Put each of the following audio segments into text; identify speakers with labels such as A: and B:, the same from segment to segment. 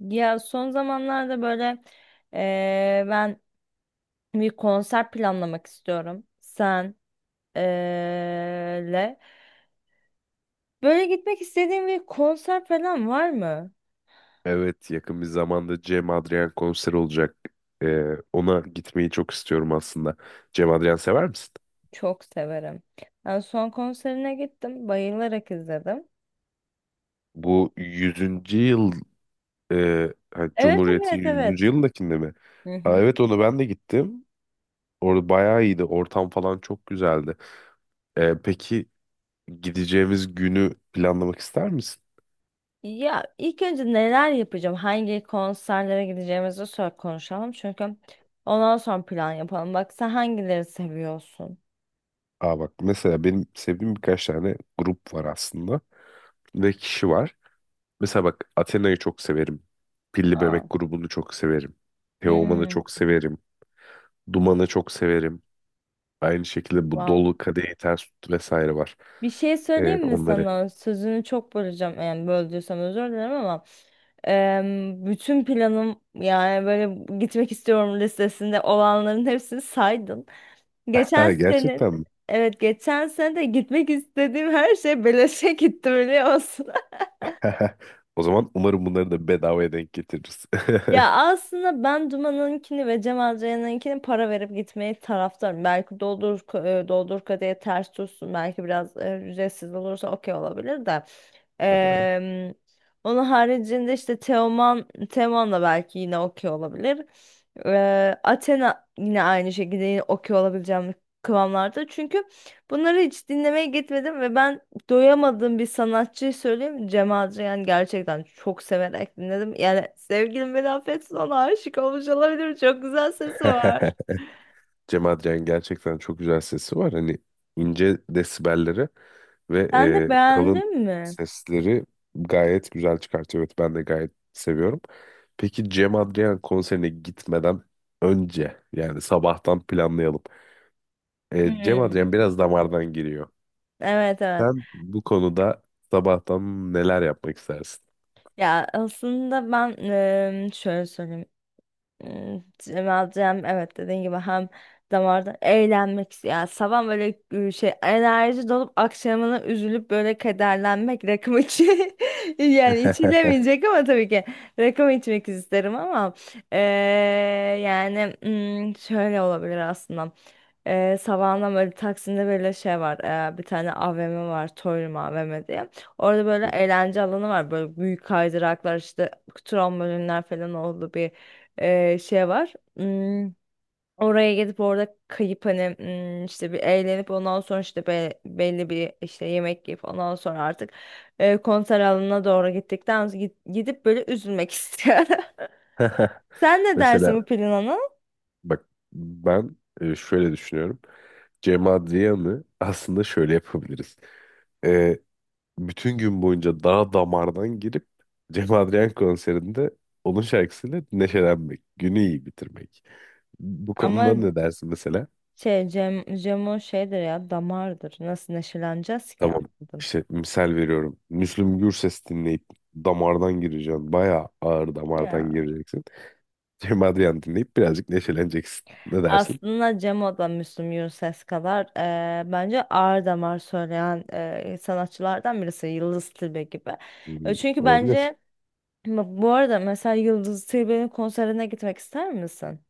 A: Ya son zamanlarda böyle ben bir konser planlamak istiyorum. Sen eee, le. Böyle gitmek istediğin bir konser falan var mı?
B: Evet yakın bir zamanda Cem Adrian konser olacak. Ee, Ona gitmeyi çok istiyorum aslında. Cem Adrian sever misin?
A: Çok severim. Ben son konserine gittim. Bayılarak izledim.
B: Bu yüzüncü yıl
A: Evet,
B: Cumhuriyet'in
A: evet,
B: yüzüncü
A: evet.
B: yılındakinde mi?
A: Hı
B: Aa,
A: hı.
B: evet ona ben de gittim. Orada bayağı iyiydi. Ortam falan çok güzeldi. Peki gideceğimiz günü planlamak ister misin?
A: Ya ilk önce neler yapacağım? Hangi konserlere gideceğimizi sor konuşalım. Çünkü ondan sonra plan yapalım. Bak, sen hangileri seviyorsun?
B: Aa bak mesela benim sevdiğim birkaç tane grup var aslında ve kişi var. Mesela bak Athena'yı çok severim. Pilli
A: Aa.
B: Bebek grubunu çok severim. Teoman'ı
A: Hmm.
B: çok severim. Duman'ı çok severim. Aynı şekilde bu
A: Wow.
B: Dolu Kadehi Ters Tut vesaire var.
A: Bir şey söyleyeyim mi
B: Onları.
A: sana? Sözünü çok böleceğim. Yani böldüysem özür dilerim ama bütün planım, yani böyle gitmek istiyorum listesinde olanların hepsini saydın. Geçen
B: Ha,
A: senin,
B: gerçekten mi?
A: evet, geçen sene de gitmek istediğim her şey beleşe gitti, biliyor musun?
B: O zaman umarım bunları da bedavaya denk getiririz.
A: Ya aslında ben Duman'ınkini ve Cem Adrian'ınkini para verip gitmeyi taraftarım. Belki doldur kadeye ters tutsun. Belki biraz ücretsiz olursa okey olabilir de.
B: Aha.
A: Eee, onun haricinde işte Teoman da belki yine okey olabilir. Athena yine aynı şekilde yine okey olabileceğim kıvamlarda. Çünkü bunları hiç dinlemeye gitmedim ve ben doyamadığım bir sanatçıyı söyleyeyim mi? Cem Adrian gerçekten çok severek dinledim. Yani sevgilim beni affetsin, ona aşık olmuş olabilirim. Çok güzel sesi var.
B: Cem Adrian gerçekten çok güzel sesi var. Hani ince desibelleri ve
A: Sen de
B: kalın
A: beğendin mi?
B: sesleri gayet güzel çıkartıyor. Evet ben de gayet seviyorum. Peki Cem Adrian konserine gitmeden önce yani sabahtan planlayalım. Cem Adrian
A: Hmm.
B: biraz damardan giriyor.
A: Evet, evet.
B: Sen bu konuda sabahtan neler yapmak istersin?
A: Ya aslında ben şöyle söyleyeyim. Cemal Cem, evet, dediğin gibi hem damarda eğlenmek ya sabah böyle şey enerji dolup akşamına üzülüp böyle kederlenmek rakım içi yani içilemeyecek ama tabii ki rakım içmek isterim ama e, yani şöyle olabilir aslında sabahından böyle Taksim'de böyle şey var, bir tane AVM var, Torium AVM diye, orada böyle eğlence alanı var, böyle büyük kaydıraklar işte, trambolinler falan oldu bir şey var. Oraya gidip orada kayıp hani işte bir eğlenip ondan sonra işte belli bir işte yemek yiyip ondan sonra artık konser alanına doğru gittikten sonra gidip böyle üzülmek istiyorum. Sen ne dersin
B: Mesela
A: bu planına?
B: bak ben şöyle düşünüyorum. Cem Adrian'ı aslında şöyle yapabiliriz. Ee, Bütün gün boyunca dağ damardan girip Cem Adrian konserinde onun şarkısıyla neşelenmek, günü iyi bitirmek. Bu
A: Ama
B: konuda ne dersin mesela?
A: şey Cem, Cemo şeydir ya, damardır. Nasıl neşeleneceğiz ki?
B: Tamam
A: Anladım.
B: işte misal veriyorum. Müslüm Gürses dinleyip damardan gireceksin. Bayağı ağır damardan
A: Ya.
B: gireceksin. Cem Adrian dinleyip birazcık neşeleneceksin. Ne dersin?
A: Aslında Cemo da Müslüm Gürses kadar bence ağır damar söyleyen sanatçılardan birisi, Yıldız Tilbe gibi. E,
B: Hmm,
A: çünkü
B: olabilir.
A: bence bu arada mesela Yıldız Tilbe'nin konserine gitmek ister misin?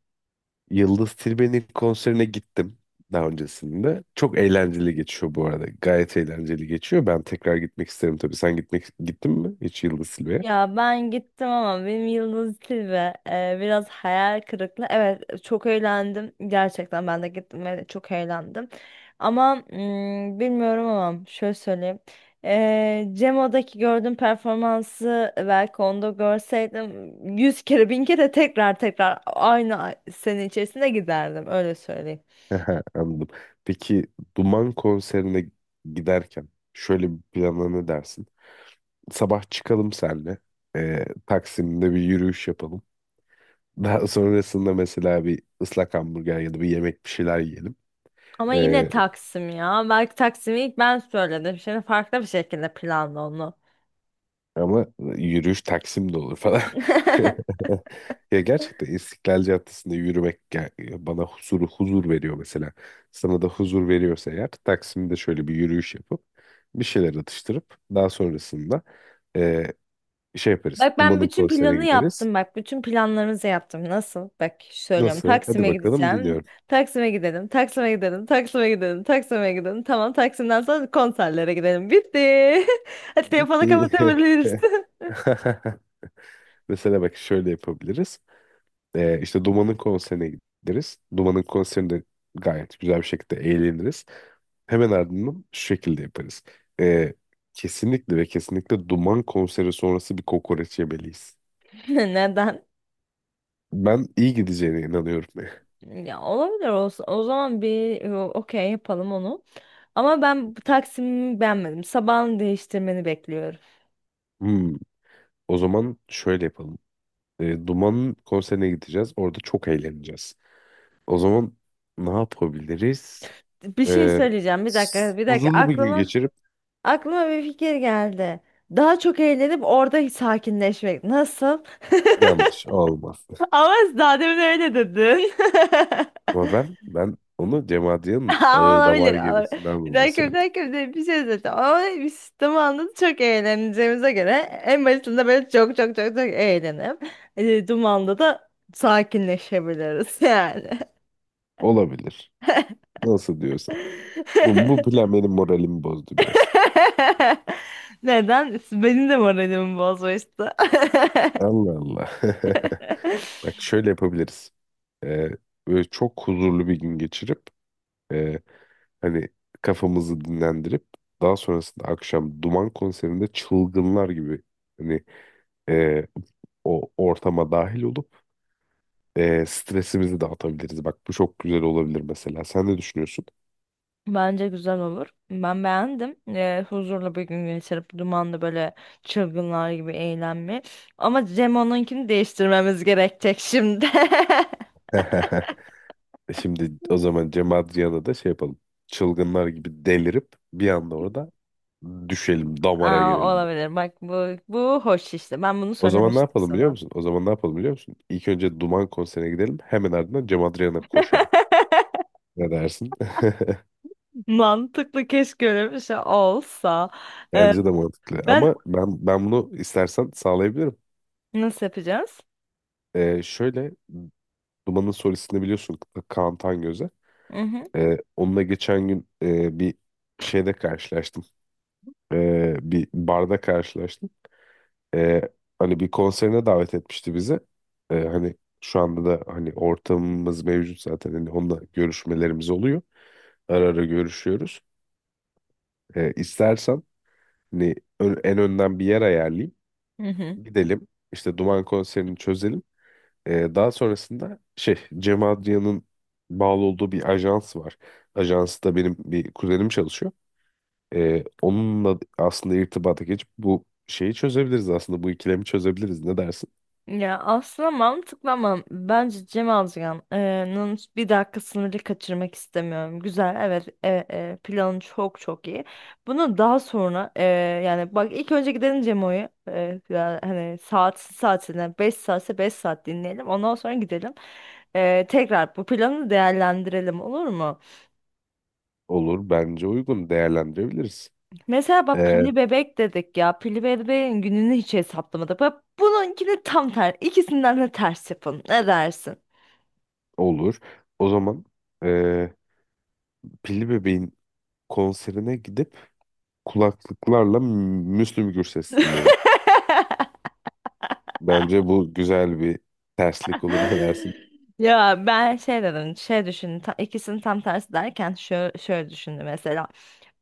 B: Yıldız Tilbe'nin konserine gittim daha öncesinde. Çok eğlenceli geçiyor bu arada. Gayet eğlenceli geçiyor. Ben tekrar gitmek isterim tabii. Sen gitmek gittin mi hiç Yıldız Tilbe'ye?
A: Ya ben gittim ama benim Yıldız Tilbe biraz hayal kırıklığı. Evet, çok eğlendim. Gerçekten ben de gittim ve çok eğlendim. Ama bilmiyorum ama şöyle söyleyeyim. Cemo'daki gördüğüm performansı belki onda görseydim yüz kere bin kere tekrar tekrar aynı sene içerisinde giderdim, öyle söyleyeyim.
B: Aha, anladım. Peki Duman konserine giderken şöyle bir plana ne dersin? Sabah çıkalım senle. Taksim'de bir yürüyüş yapalım. Daha sonrasında mesela bir ıslak hamburger ya da bir yemek bir şeyler yiyelim.
A: Ama yine Taksim ya. Belki Taksim'i ilk ben söyledim. Şimdi farklı bir şekilde planlı onu.
B: Ama yürüyüş Taksim'de olur falan. Ya gerçekten İstiklal Caddesi'nde yürümek bana huzur veriyor mesela. Sana da huzur veriyorsa eğer Taksim'de şöyle bir yürüyüş yapıp bir şeyler atıştırıp daha sonrasında e, şey yaparız.
A: Bak ben
B: Duman'ın
A: bütün
B: konserine
A: planı
B: gideriz.
A: yaptım bak. Bütün planlarımızı yaptım. Nasıl? Bak söylüyorum.
B: Nasıl? Hadi
A: Taksim'e
B: bakalım
A: gideceğim.
B: dinliyorum.
A: Taksim'e gidelim. Taksim'e gidelim. Taksim'e gidelim. Taksim'e gidelim. Tamam, Taksim'den sonra konserlere gidelim. Bitti. Hadi telefonu
B: Bitti.
A: kapatabiliriz.
B: Mesela bak şöyle yapabiliriz. İşte Duman'ın konserine gideriz. Duman'ın konserinde gayet güzel bir şekilde eğleniriz. Hemen ardından şu şekilde yaparız. Ee, Kesinlikle ve kesinlikle Duman konseri sonrası bir kokoreç yemeliyiz.
A: Neden?
B: Ben iyi gideceğine inanıyorum.
A: Ya olabilir, olsun. O zaman bir okey yapalım onu. Ama ben bu Taksim'i beğenmedim. Sabahını değiştirmeni bekliyorum.
B: Hmm, o zaman şöyle yapalım. Duman'ın konserine gideceğiz. Orada çok eğleneceğiz. O zaman ne yapabiliriz?
A: Bir şey
B: Ee,
A: söyleyeceğim. Bir dakika, bir dakika.
B: Huzurlu bir gün
A: Aklıma
B: geçirip
A: Aklıma bir fikir geldi. Daha çok eğlenip orada sakinleşmek. Nasıl?
B: yanlış olmaz.
A: Ama daha demin öyle dedin.
B: Ama ben onu Cem Adrian'ın
A: Aa,
B: ağır
A: olabilir,
B: damar
A: olabilir.
B: gemisinden
A: Bir
B: dolayı
A: dakika, bir
B: söyledim.
A: dakika, bir dakika, bir şey söyleyeceğim. Ama bir sistemi anladım. Çok eğleneceğimize göre en başında böyle çok çok çok çok eğlenip dumanda da sakinleşebiliriz yani.
B: Olabilir. Nasıl diyorsan. Bu plan benim moralimi bozdu biraz.
A: Neden? Benim de moralimi bozmuştu.
B: Allah Allah. Bak şöyle yapabiliriz. Ee, Böyle çok huzurlu bir gün geçirip e, hani kafamızı dinlendirip daha sonrasında akşam Duman konserinde çılgınlar gibi hani e, o ortama dahil olup stresimizi dağıtabiliriz. Bak bu çok güzel olabilir mesela. Sen ne düşünüyorsun?
A: Bence güzel olur. Ben beğendim. Huzurlu bir gün geçirip dumanlı böyle çılgınlar gibi eğlenme. Ama Cem onunkini değiştirmemiz gerekecek şimdi.
B: Şimdi o zaman Cem Adrian'a da şey yapalım. Çılgınlar gibi delirip bir anda orada düşelim, damara
A: Aa,
B: girelim.
A: olabilir. Bak bu hoş işte. Ben bunu
B: O zaman ne
A: söylemiştim
B: yapalım biliyor
A: sana.
B: musun? O zaman ne yapalım biliyor musun? İlk önce Duman konserine gidelim. Hemen ardından Cem Adrian'a koşalım. Ne dersin?
A: Mantıklı, keşke öyle bir şey olsa. Ee,
B: Bence de mantıklı.
A: ben
B: Ama ben bunu istersen sağlayabilirim.
A: nasıl yapacağız?
B: Şöyle Duman'ın solistini biliyorsun Kaan Tangöze.
A: Hı hı.
B: Onunla geçen gün bir şeyde karşılaştım. Bir barda karşılaştım. e, Hani bir konserine davet etmişti bizi. E, hani şu anda da hani ortamımız mevcut zaten. Hani onunla görüşmelerimiz oluyor. Ara görüşüyoruz. İstersen hani en önden bir yer ayarlayayım.
A: Hı hı.
B: Gidelim. İşte Duman konserini çözelim. Daha sonrasında şey Cem Adrian'ın bağlı olduğu bir ajans var. Ajansta benim bir kuzenim çalışıyor. Onunla aslında irtibata geçip bu şeyi çözebiliriz aslında. Bu ikilemi çözebiliriz. Ne dersin?
A: Ya aslında mantıklı ama bence Cem Azcan'ın bir dakika sınırı kaçırmak istemiyorum. Güzel, evet, planı çok çok iyi. Bunu daha sonra yani bak ilk önce gidelim Cemo'yu ya hani saat saatine 5 saatse 5 saat dinleyelim. Ondan sonra gidelim. Tekrar bu planı değerlendirelim, olur mu?
B: Olur. Bence uygun. Değerlendirebiliriz.
A: Mesela bak
B: Ee,
A: pilli bebek dedik ya. Pilli bebeğin gününü hiç hesaplamadık. Bak, bununkini tam ter ikisinden de ters yapın. Ne dersin?
B: olur. O zaman ee, Pilli Bebeğin konserine gidip kulaklıklarla Müslüm Gürses dinleyelim. Bence bu güzel bir terslik olur. Ne dersin?
A: Ya ben şey dedim, şey düşündüm. Ta- ikisinin tam tersi derken şöyle, şöyle düşündüm mesela.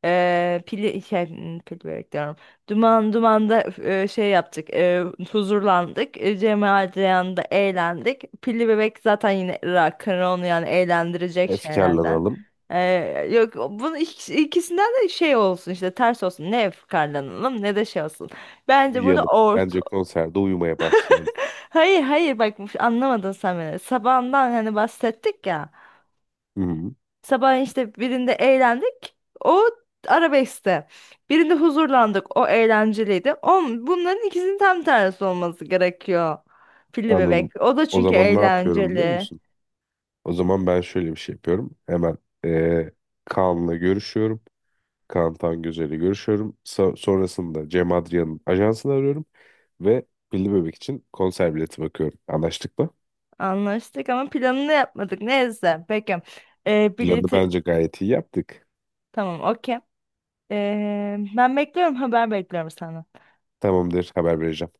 A: Pili şey pil börek diyorum. Duman dumanda, şey yaptık. Huzurlandık. Cemal Ceyhan'da eğlendik. Pilli bebek zaten yine rock and roll, yani eğlendirecek şeylerden.
B: Efkarlanalım.
A: Yok, bunun ikisinden de şey olsun işte, ters olsun. Ne fıkarlanalım ne de şey olsun. Bence burada.
B: Uyuyalım. Bence konserde uyumaya başlayalım.
A: Hayır, hayır, bak, anlamadın sen beni. Sabahından hani bahsettik ya.
B: Hı hı,
A: Sabah işte birinde eğlendik. O arabeskte. Birinde huzurlandık. O eğlenceliydi. O, bunların ikisinin tam tersi olması gerekiyor. Pilli
B: anladım.
A: bebek. O da
B: O
A: çünkü
B: zaman ne yapıyorum biliyor
A: eğlenceli.
B: musun? O zaman ben şöyle bir şey yapıyorum. Hemen ee, Kaan'la görüşüyorum. Kaan Tangözel'le görüşüyorum. Sonrasında Cem Adrian'ın ajansını arıyorum. Ve Pilli Bebek için konser bileti bakıyorum. Anlaştık mı?
A: Anlaştık ama planını yapmadık. Neyse. Peki. Ee,
B: Planı
A: bileti...
B: bence gayet iyi yaptık.
A: Tamam, okey. Ben bekliyorum. Haber bekliyorum senden.
B: Tamamdır, haber vereceğim.